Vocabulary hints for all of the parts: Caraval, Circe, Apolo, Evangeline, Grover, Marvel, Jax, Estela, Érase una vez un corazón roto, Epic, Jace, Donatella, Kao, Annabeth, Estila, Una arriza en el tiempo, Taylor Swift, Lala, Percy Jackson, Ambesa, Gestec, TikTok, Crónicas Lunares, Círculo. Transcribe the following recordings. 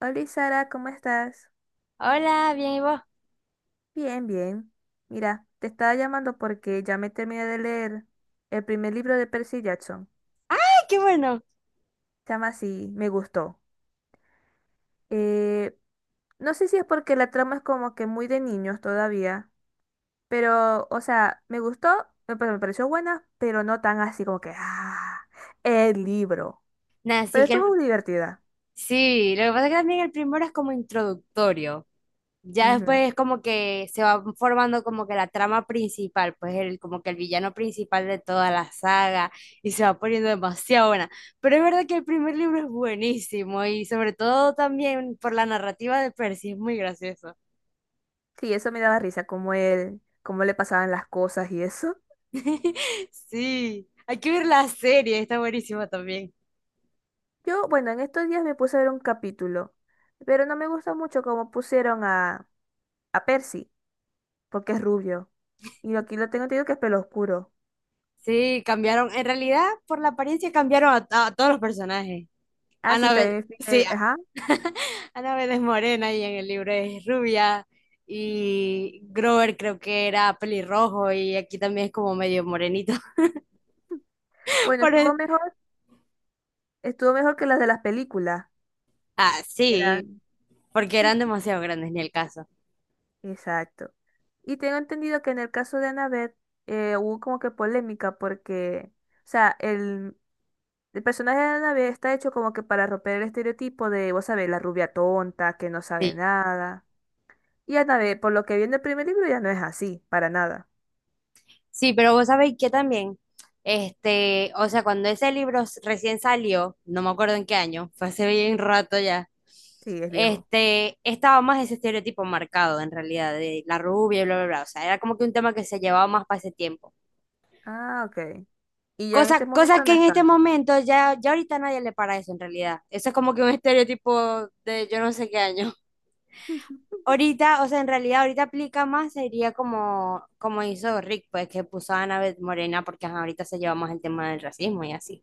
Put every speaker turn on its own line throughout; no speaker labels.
Hola Sara, ¿cómo estás?
Hola, bien, ¿y vos?
Bien, bien. Mira, te estaba llamando porque ya me terminé de leer el primer libro de Percy Jackson.
¡Ay, qué bueno!
Se llama así, me gustó. Eh, no sé si es porque la trama es como que muy de niños todavía, pero, o sea, me gustó, me pareció buena, pero no tan así como que, ah, el libro.
Nada, sí,
Pero estuvo muy divertida.
sí, lo que pasa es que también el primero es como introductorio. Ya
Ujú.
después es como que se va formando como que la trama principal, pues como que el villano principal de toda la saga y se va poniendo demasiado buena. Pero es verdad que el primer libro es buenísimo y sobre todo también por la narrativa de Percy, es muy gracioso.
Sí, eso me daba risa, como él, cómo le pasaban las cosas y eso.
Sí, hay que ver la serie, está buenísima también.
Yo, bueno, en estos días me puse a ver un capítulo, pero no me gusta mucho cómo pusieron a Percy, porque es rubio. Y aquí lo tengo entendido que es pelo oscuro.
Sí, cambiaron, en realidad por la apariencia cambiaron a todos los personajes.
Ah, sí, también me
Sí,
fijé, ajá.
Ana Vélez Morena y en el libro es rubia. Y Grover creo que era pelirrojo y aquí también es como medio morenito.
Bueno,
Por el-
estuvo mejor que las de las películas.
Ah, sí,
Eran.
porque eran demasiado grandes, ni el caso.
Exacto. Y tengo entendido que en el caso de Annabeth hubo como que polémica porque, o sea, el personaje de Annabeth está hecho como que para romper el estereotipo de, vos sabés, la rubia tonta, que no sabe
Sí,
nada. Y Anabel, por lo que vi en el primer libro, ya no es así, para nada.
sí, pero vos sabéis que también, este, o sea, cuando ese libro recién salió, no me acuerdo en qué año, fue hace bien rato ya,
Sí, es viejo.
este, estaba más ese estereotipo marcado en realidad de la rubia y bla, bla, bla. O sea, era como que un tema que se llevaba más para ese tiempo.
Ah, ok. Y ya en este
Cosa
momento no
que en
es
este
tanto.
momento ya, ya ahorita nadie le para eso en realidad. Eso es como que un estereotipo de yo no sé qué año. Ahorita, o sea, en realidad ahorita aplica más, sería como, como hizo Rick, pues que puso a Annabeth Morena porque ajá, ahorita se lleva más el tema del racismo y así.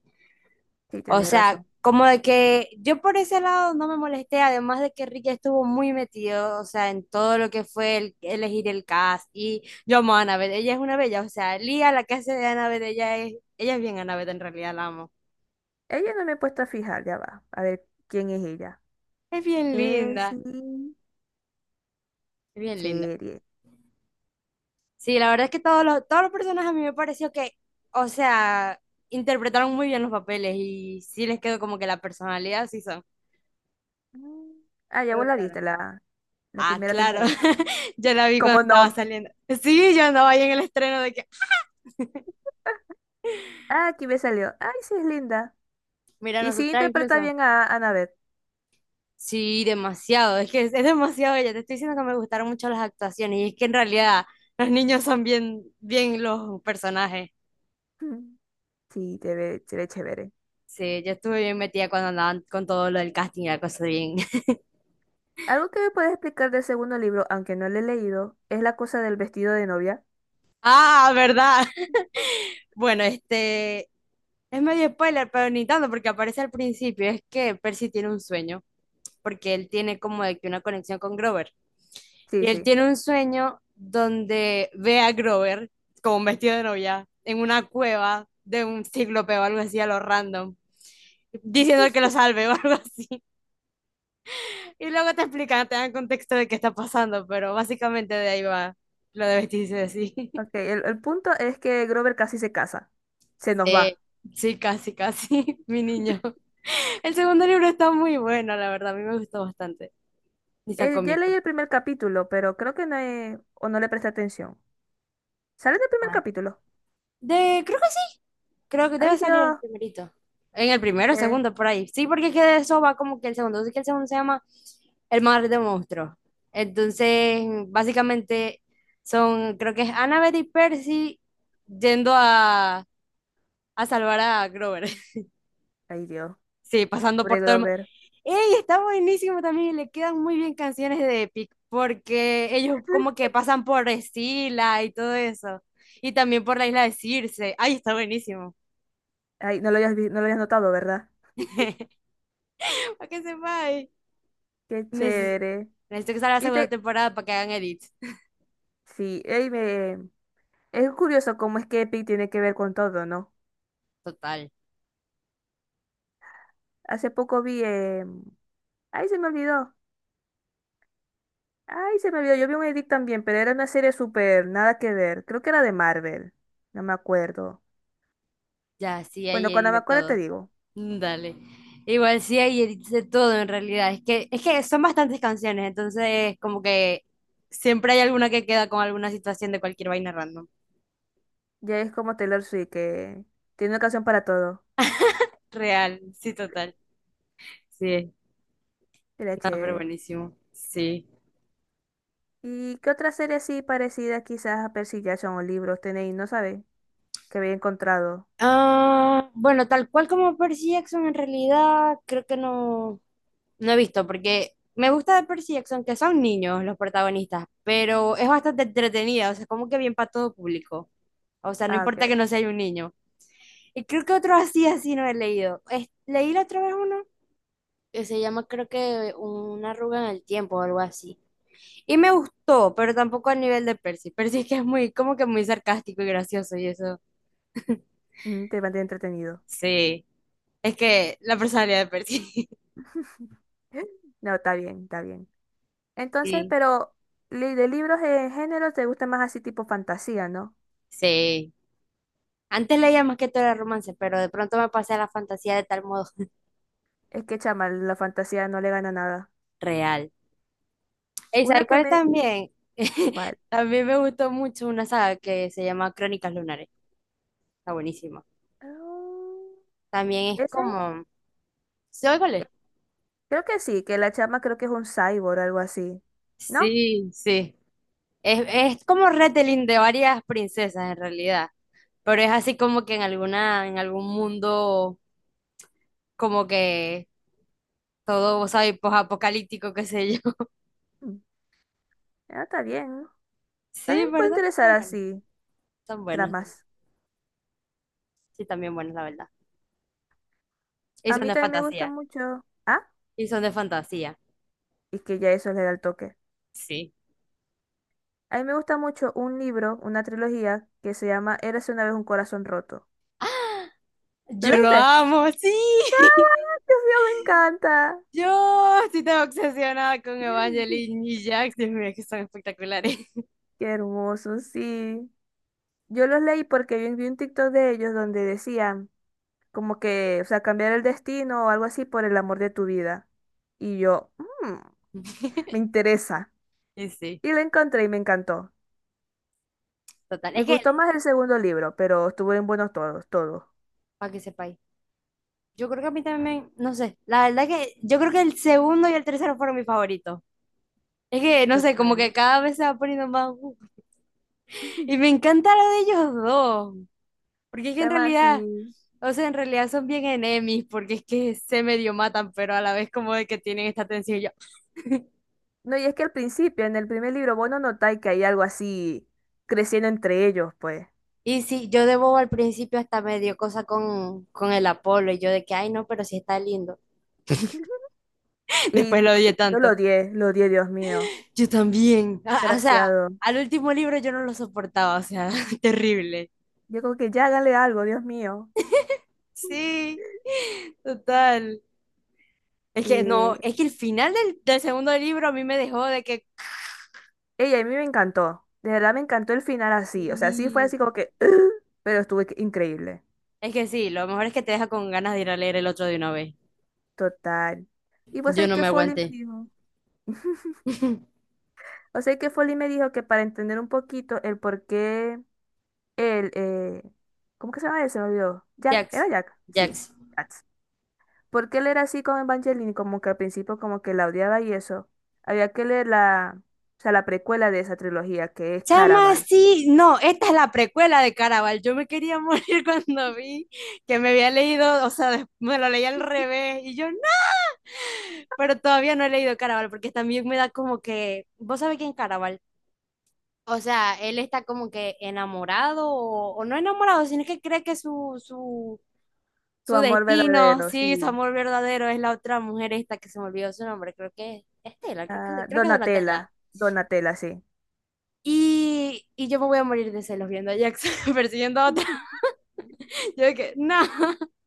Sí,
O
tenéis
sea,
razón.
como de que yo por ese lado no me molesté, además de que Rick estuvo muy metido, o sea, en todo lo que fue elegir el cast y yo amo a Annabeth, ella es una bella, o sea, Lía, la que hace de Annabeth, ella es bien Annabeth en realidad, la amo.
Ella no me he puesto a fijar, ya va. A ver, ¿quién es ella?
Es bien
Es
linda, es bien linda.
serie.
Sí, la verdad es que todos los personajes a mí me pareció que, o sea, interpretaron muy bien los papeles y sí les quedó como que la personalidad sí son.
Mm. Ah, ya
Me
vos la
gustaron.
viste, la
Ah,
primera
claro.
temporada.
Yo la vi cuando
¿Cómo
estaba
no?
saliendo. Sí, yo andaba ahí en el estreno de que.
Ah, aquí me salió. Ay, sí, es linda.
Mira,
Y sí
nosotras
interpreta
incluso.
bien a Annabeth.
Sí, demasiado. Es que es demasiado ella. Te estoy diciendo que me gustaron mucho las actuaciones y es que en realidad los niños son bien, bien los personajes.
Mm. Sí, se ve chévere.
Sí, yo estuve bien metida cuando andaban con todo lo del casting y la cosa bien.
Algo que me puedes explicar del segundo libro, aunque no lo he leído, es la cosa del vestido de novia.
Ah, ¿verdad? Bueno, este es medio spoiler, pero ni tanto porque aparece al principio. Es que Percy tiene un sueño, porque él tiene como de que una conexión con Grover.
Sí,
Y él
sí.
tiene un sueño donde ve a Grover como vestido de novia en una cueva de un cíclope o algo así a lo random,
Sí,
diciendo que
sí.
lo salve o algo así. Y luego te explican, te dan contexto de qué está pasando, pero básicamente de ahí va lo de vestirse así.
Ok, el punto es que Grover casi se casa. Se nos
Sí,
va.
sí, casi, casi, mi niño. El segundo libro está muy bueno, la verdad, a mí me gustó bastante. Y está
Ya leí
cómico.
el primer capítulo, pero creo que o no le presté atención. Sale en el primer
Bueno,
capítulo.
Creo que sí, creo que
Ay,
debe salir el
Dios.
primerito. En el primero,
Eh,
segundo, por ahí. Sí, porque es que de eso va como que el segundo. Así que el segundo se llama El mar de monstruos. Entonces, básicamente son, creo que es Annabeth y Percy yendo a salvar a Grover.
Ay, Dios.
Sí, pasando
Pobre
por todo el
Grover.
¡Ey! Está buenísimo también, le quedan muy bien canciones de Epic, porque ellos como que pasan por Estila y todo eso, y también por la isla de Circe. ¡Ay, está buenísimo!
Ay, no lo habías notado, ¿verdad?
Para que sepáis.
Qué
Neces-
chévere.
Necesito que salga la segunda
¿Viste?
temporada para que hagan edits.
Sí, ey, me... es curioso cómo es que Epic tiene que ver con todo, ¿no?
Total.
Hace poco vi... Ay, se me olvidó. Ay, se me olvidó, yo vi un edit también, pero era una serie súper, nada que ver. Creo que era de Marvel, no me acuerdo.
Ya, sí hay
Bueno,
edits
cuando me
de
acuerdo te
todo.
digo.
Mm, dale. Igual sí hay edits de todo en realidad. Es que son bastantes canciones, entonces como que siempre hay alguna que queda con alguna situación de cualquier vaina random.
Ya es como Taylor Swift, que tiene una canción para todo.
Real, sí, total. Sí.
Era
Ah, pero
chévere.
buenísimo. Sí.
¿Y qué otra serie así parecida quizás a Percy Jackson o libros tenéis? No sabéis que había encontrado.
Ah, bueno, tal cual como Percy Jackson, en realidad creo que no, no he visto, porque me gusta de Percy Jackson que son niños los protagonistas, pero es bastante entretenida, o sea, como que bien para todo público. O sea, no
Ah,
importa
ok.
que no sea un niño. Y creo que otro así, así no he leído. Leí la otra vez uno que se llama, creo que Una arruga en el tiempo o algo así. Y me gustó, pero tampoco al nivel de Percy. Percy es que es muy, como que muy sarcástico y gracioso y eso.
Mm, te mantiene entretenido.
Sí, es que la personalidad de Percy.
No, está bien, está bien. Entonces,
Sí,
pero de libros en género te gusta más así tipo fantasía, ¿no?
sí. Antes leía más que todo el romance, pero de pronto me pasé a la fantasía de tal modo
Es que chama, la fantasía no le gana nada.
real. ¿Y sabes
Una que
cuál
me...
también?
¿Cuál?
También me gustó mucho una saga que se llama Crónicas Lunares. Está buenísima.
Mm,
También es
Esa es-
como... ¿Sabes cuál es?
Creo que sí, que la chama creo que es un cyborg o algo así. ¿No?
Sí, sí. Es, es como retelling de varias princesas en realidad, pero es así como que en algún mundo como que todo, ¿sabes? Posapocalíptico, qué sé
Mm, ah, está bien.
Sí,
También puede
¿verdad?
interesar
Son buenos.
así
Son buenos.
tramas.
Sí, también buenos, la verdad. Y
A
son
mí
de
también me gusta
fantasía.
mucho... Ah,
Y son de fantasía.
y que ya eso le da el toque.
Sí.
A mí me gusta mucho un libro, una trilogía, que se llama Érase una vez un corazón roto. ¿Lo
Yo lo
leíste?
amo, sí.
Dios mío, me encanta.
Yo estoy tan obsesionada con Evangeline y Jax. Dios mío, es que son espectaculares.
Qué hermoso, sí. Yo los leí porque vi un TikTok de ellos donde decían... como que, o sea, cambiar el destino o algo así por el amor de tu vida. Y yo, "Mm, me interesa.
Y sí,
Y la encontré y me encantó.
total.
Me
Es que,
gustó más el segundo libro, pero estuvieron buenos todos, todos.
para que sepáis, yo creo que a mí también, no sé, la verdad que yo creo que el segundo y el tercero fueron mis favoritos. Es que, no sé, como
Total.
que cada vez se va poniendo más. Y me encanta lo de ellos dos. Porque es que en
Chama
realidad,
así.
o sea, en realidad son bien enemies, porque es que se medio matan, pero a la vez como de que tienen esta tensión.
No, y es que al principio, en el primer libro, vos no notáis que hay algo así creciendo entre ellos, pues.
Y sí, yo de bobo al principio hasta me dio cosa con, el Apolo y yo de que, ay, no, pero sí está lindo.
Y
después lo
después,
odié
yo
tanto.
lo odié, Dios mío.
Yo también. Ah, o sea,
Desgraciado.
al último libro yo no lo soportaba, o sea, terrible.
Yo como que ya hágale algo, Dios mío.
Sí, total. Es que no, es
Y
que el final del segundo libro a mí me dejó de que.
Ella, a mí me encantó. De verdad me encantó el final así. O sea, sí fue
Sí.
así como que, pero estuvo increíble.
Es que sí, lo mejor es que te deja con ganas de ir a leer el otro de una vez.
Total. Y pues
Yo
ahí
no
que
me
Foley me
aguanté.
dijo. O sea que Foley me dijo que para entender un poquito el por qué él, ¿cómo que se llama él? Se me olvidó. Jack,
Jax,
¿era Jack? Sí,
Jax.
Jax. ¿Por él era así con Evangeline? Como que al principio como que la odiaba y eso. Había que leer o sea, la precuela de esa trilogía, que es
Chama,
Caraval.
sí, no, esta es la precuela de Caraval. Yo me quería morir cuando vi que me había leído, o sea, me lo leí al revés y yo no, pero todavía no he leído Caraval porque también me da como que, ¿vos sabés quién es Caraval? O sea, él está como que enamorado o no enamorado, sino que cree que su, su,
Su
Su
amor
destino,
verdadero,
sí, su
sí.
amor verdadero es la otra mujer esta que se me olvidó su nombre, creo que es Estela, creo que,
Ah,
creo que es Donatella.
Donatella, Donatella, sí.
Y yo me voy a morir de celos viendo a Jackson persiguiendo a otra.
Ujú.
Yo de que, no,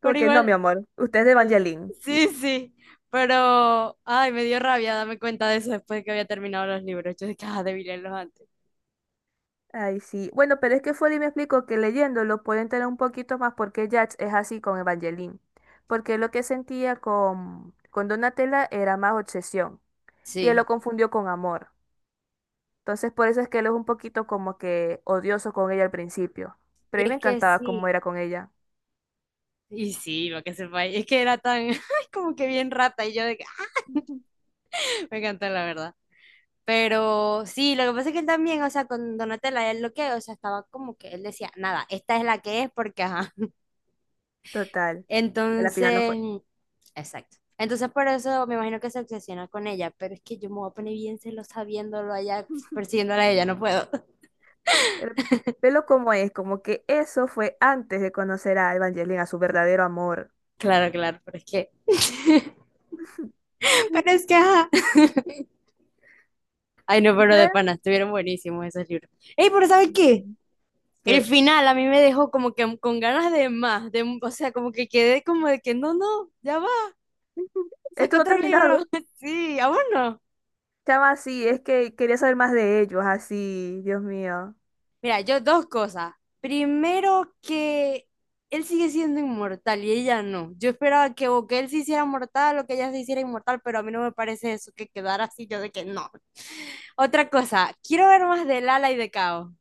Como
pero
que no,
igual,
mi amor, usted es de
sí,
Evangeline.
sí, sí. Pero, ay, me dio rabia darme cuenta de eso después de que había terminado los libros. Yo de que, ah, debí leerlos antes.
Ay, sí. Bueno, pero es que Foley me explicó que leyéndolo pueden tener un poquito más porque Jax es así con Evangeline. Porque lo que sentía con Donatella era más obsesión. Y él
Sí.
lo confundió con amor. Entonces, por eso es que él es un poquito como que odioso con ella al principio. Pero a
Y
mí me
es que
encantaba cómo
sí.
era con ella.
Y sí, lo que sepa. Y es que era tan, ay, como que bien rata. Y yo de que, me encantó, la verdad. Pero sí, lo que pasa es que él también, o sea, con Donatella, él lo que, o sea, estaba como que él decía, nada, esta es la que es porque, ajá.
Total. Y a la final no
Entonces,
fue.
exacto. Entonces, por eso me imagino que se obsesiona con ella, pero es que yo me voy a poner bien celosa viéndolo allá, persiguiéndola a ella, no puedo.
El pelo como es, como que eso fue antes de conocer a Evangeline, a su verdadero amor.
Claro, claro, pero es que, pero es que, ajá. Ay, no,
Y
pero de
creo
pana, estuvieron buenísimos esos libros. Ey, pero ¿sabes qué?
Ujú.
El
Que
final a mí me dejó como que con ganas de más, o sea, como que quedé como de que no, no, ya va.
esto
Sacó
no ha
otro libro.
terminado.
Sí, aún no.
Chama, sí, es que quería saber más de ellos, así, Dios mío.
Mira, yo dos cosas. Primero que él sigue siendo inmortal y ella no. Yo esperaba que o que él se hiciera mortal o que ella se hiciera inmortal, pero a mí no me parece eso que quedara así, yo de que no. Otra cosa, quiero ver más de Lala y de Kao.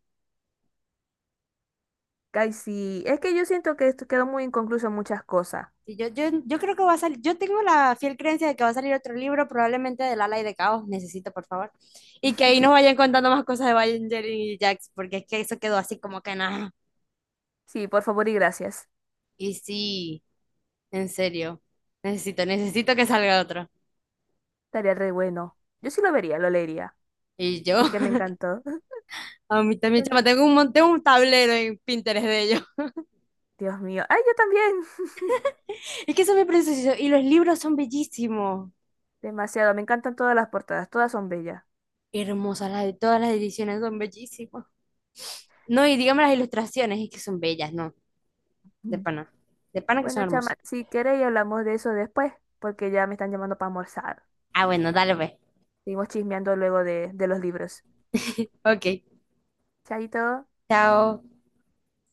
Ay, sí, es que yo siento que esto quedó muy inconcluso en muchas cosas.
Y yo creo que va a salir, yo tengo la fiel creencia de que va a salir otro libro, probablemente de Lala y de Caos, necesito por favor, y que ahí nos vayan contando más cosas de Evangeline y Jax, porque es que eso quedó así como que nada.
Sí, por favor y gracias.
Y sí, en serio, necesito que salga otro.
Estaría re bueno. Yo sí lo vería, lo leería.
Y yo,
Es que me encantó.
a mí también,
Ten-
chama, tengo un tablero en Pinterest de ellos.
Dios mío. Ay, yo también.
Es que son muy preciosos y los libros son bellísimos.
Demasiado, me encantan todas las portadas, todas son bellas.
Hermosas, las de todas las ediciones son bellísimas. No, y digamos las ilustraciones, es que son bellas, ¿no? De
Mm.
pana. De pana que son
Bueno,
hermosas.
chama, si queréis hablamos de eso después, porque ya me están llamando para almorzar.
Ah, bueno, dale, pues.
Seguimos chismeando luego de los libros.
Ok,
Chaito.
chao.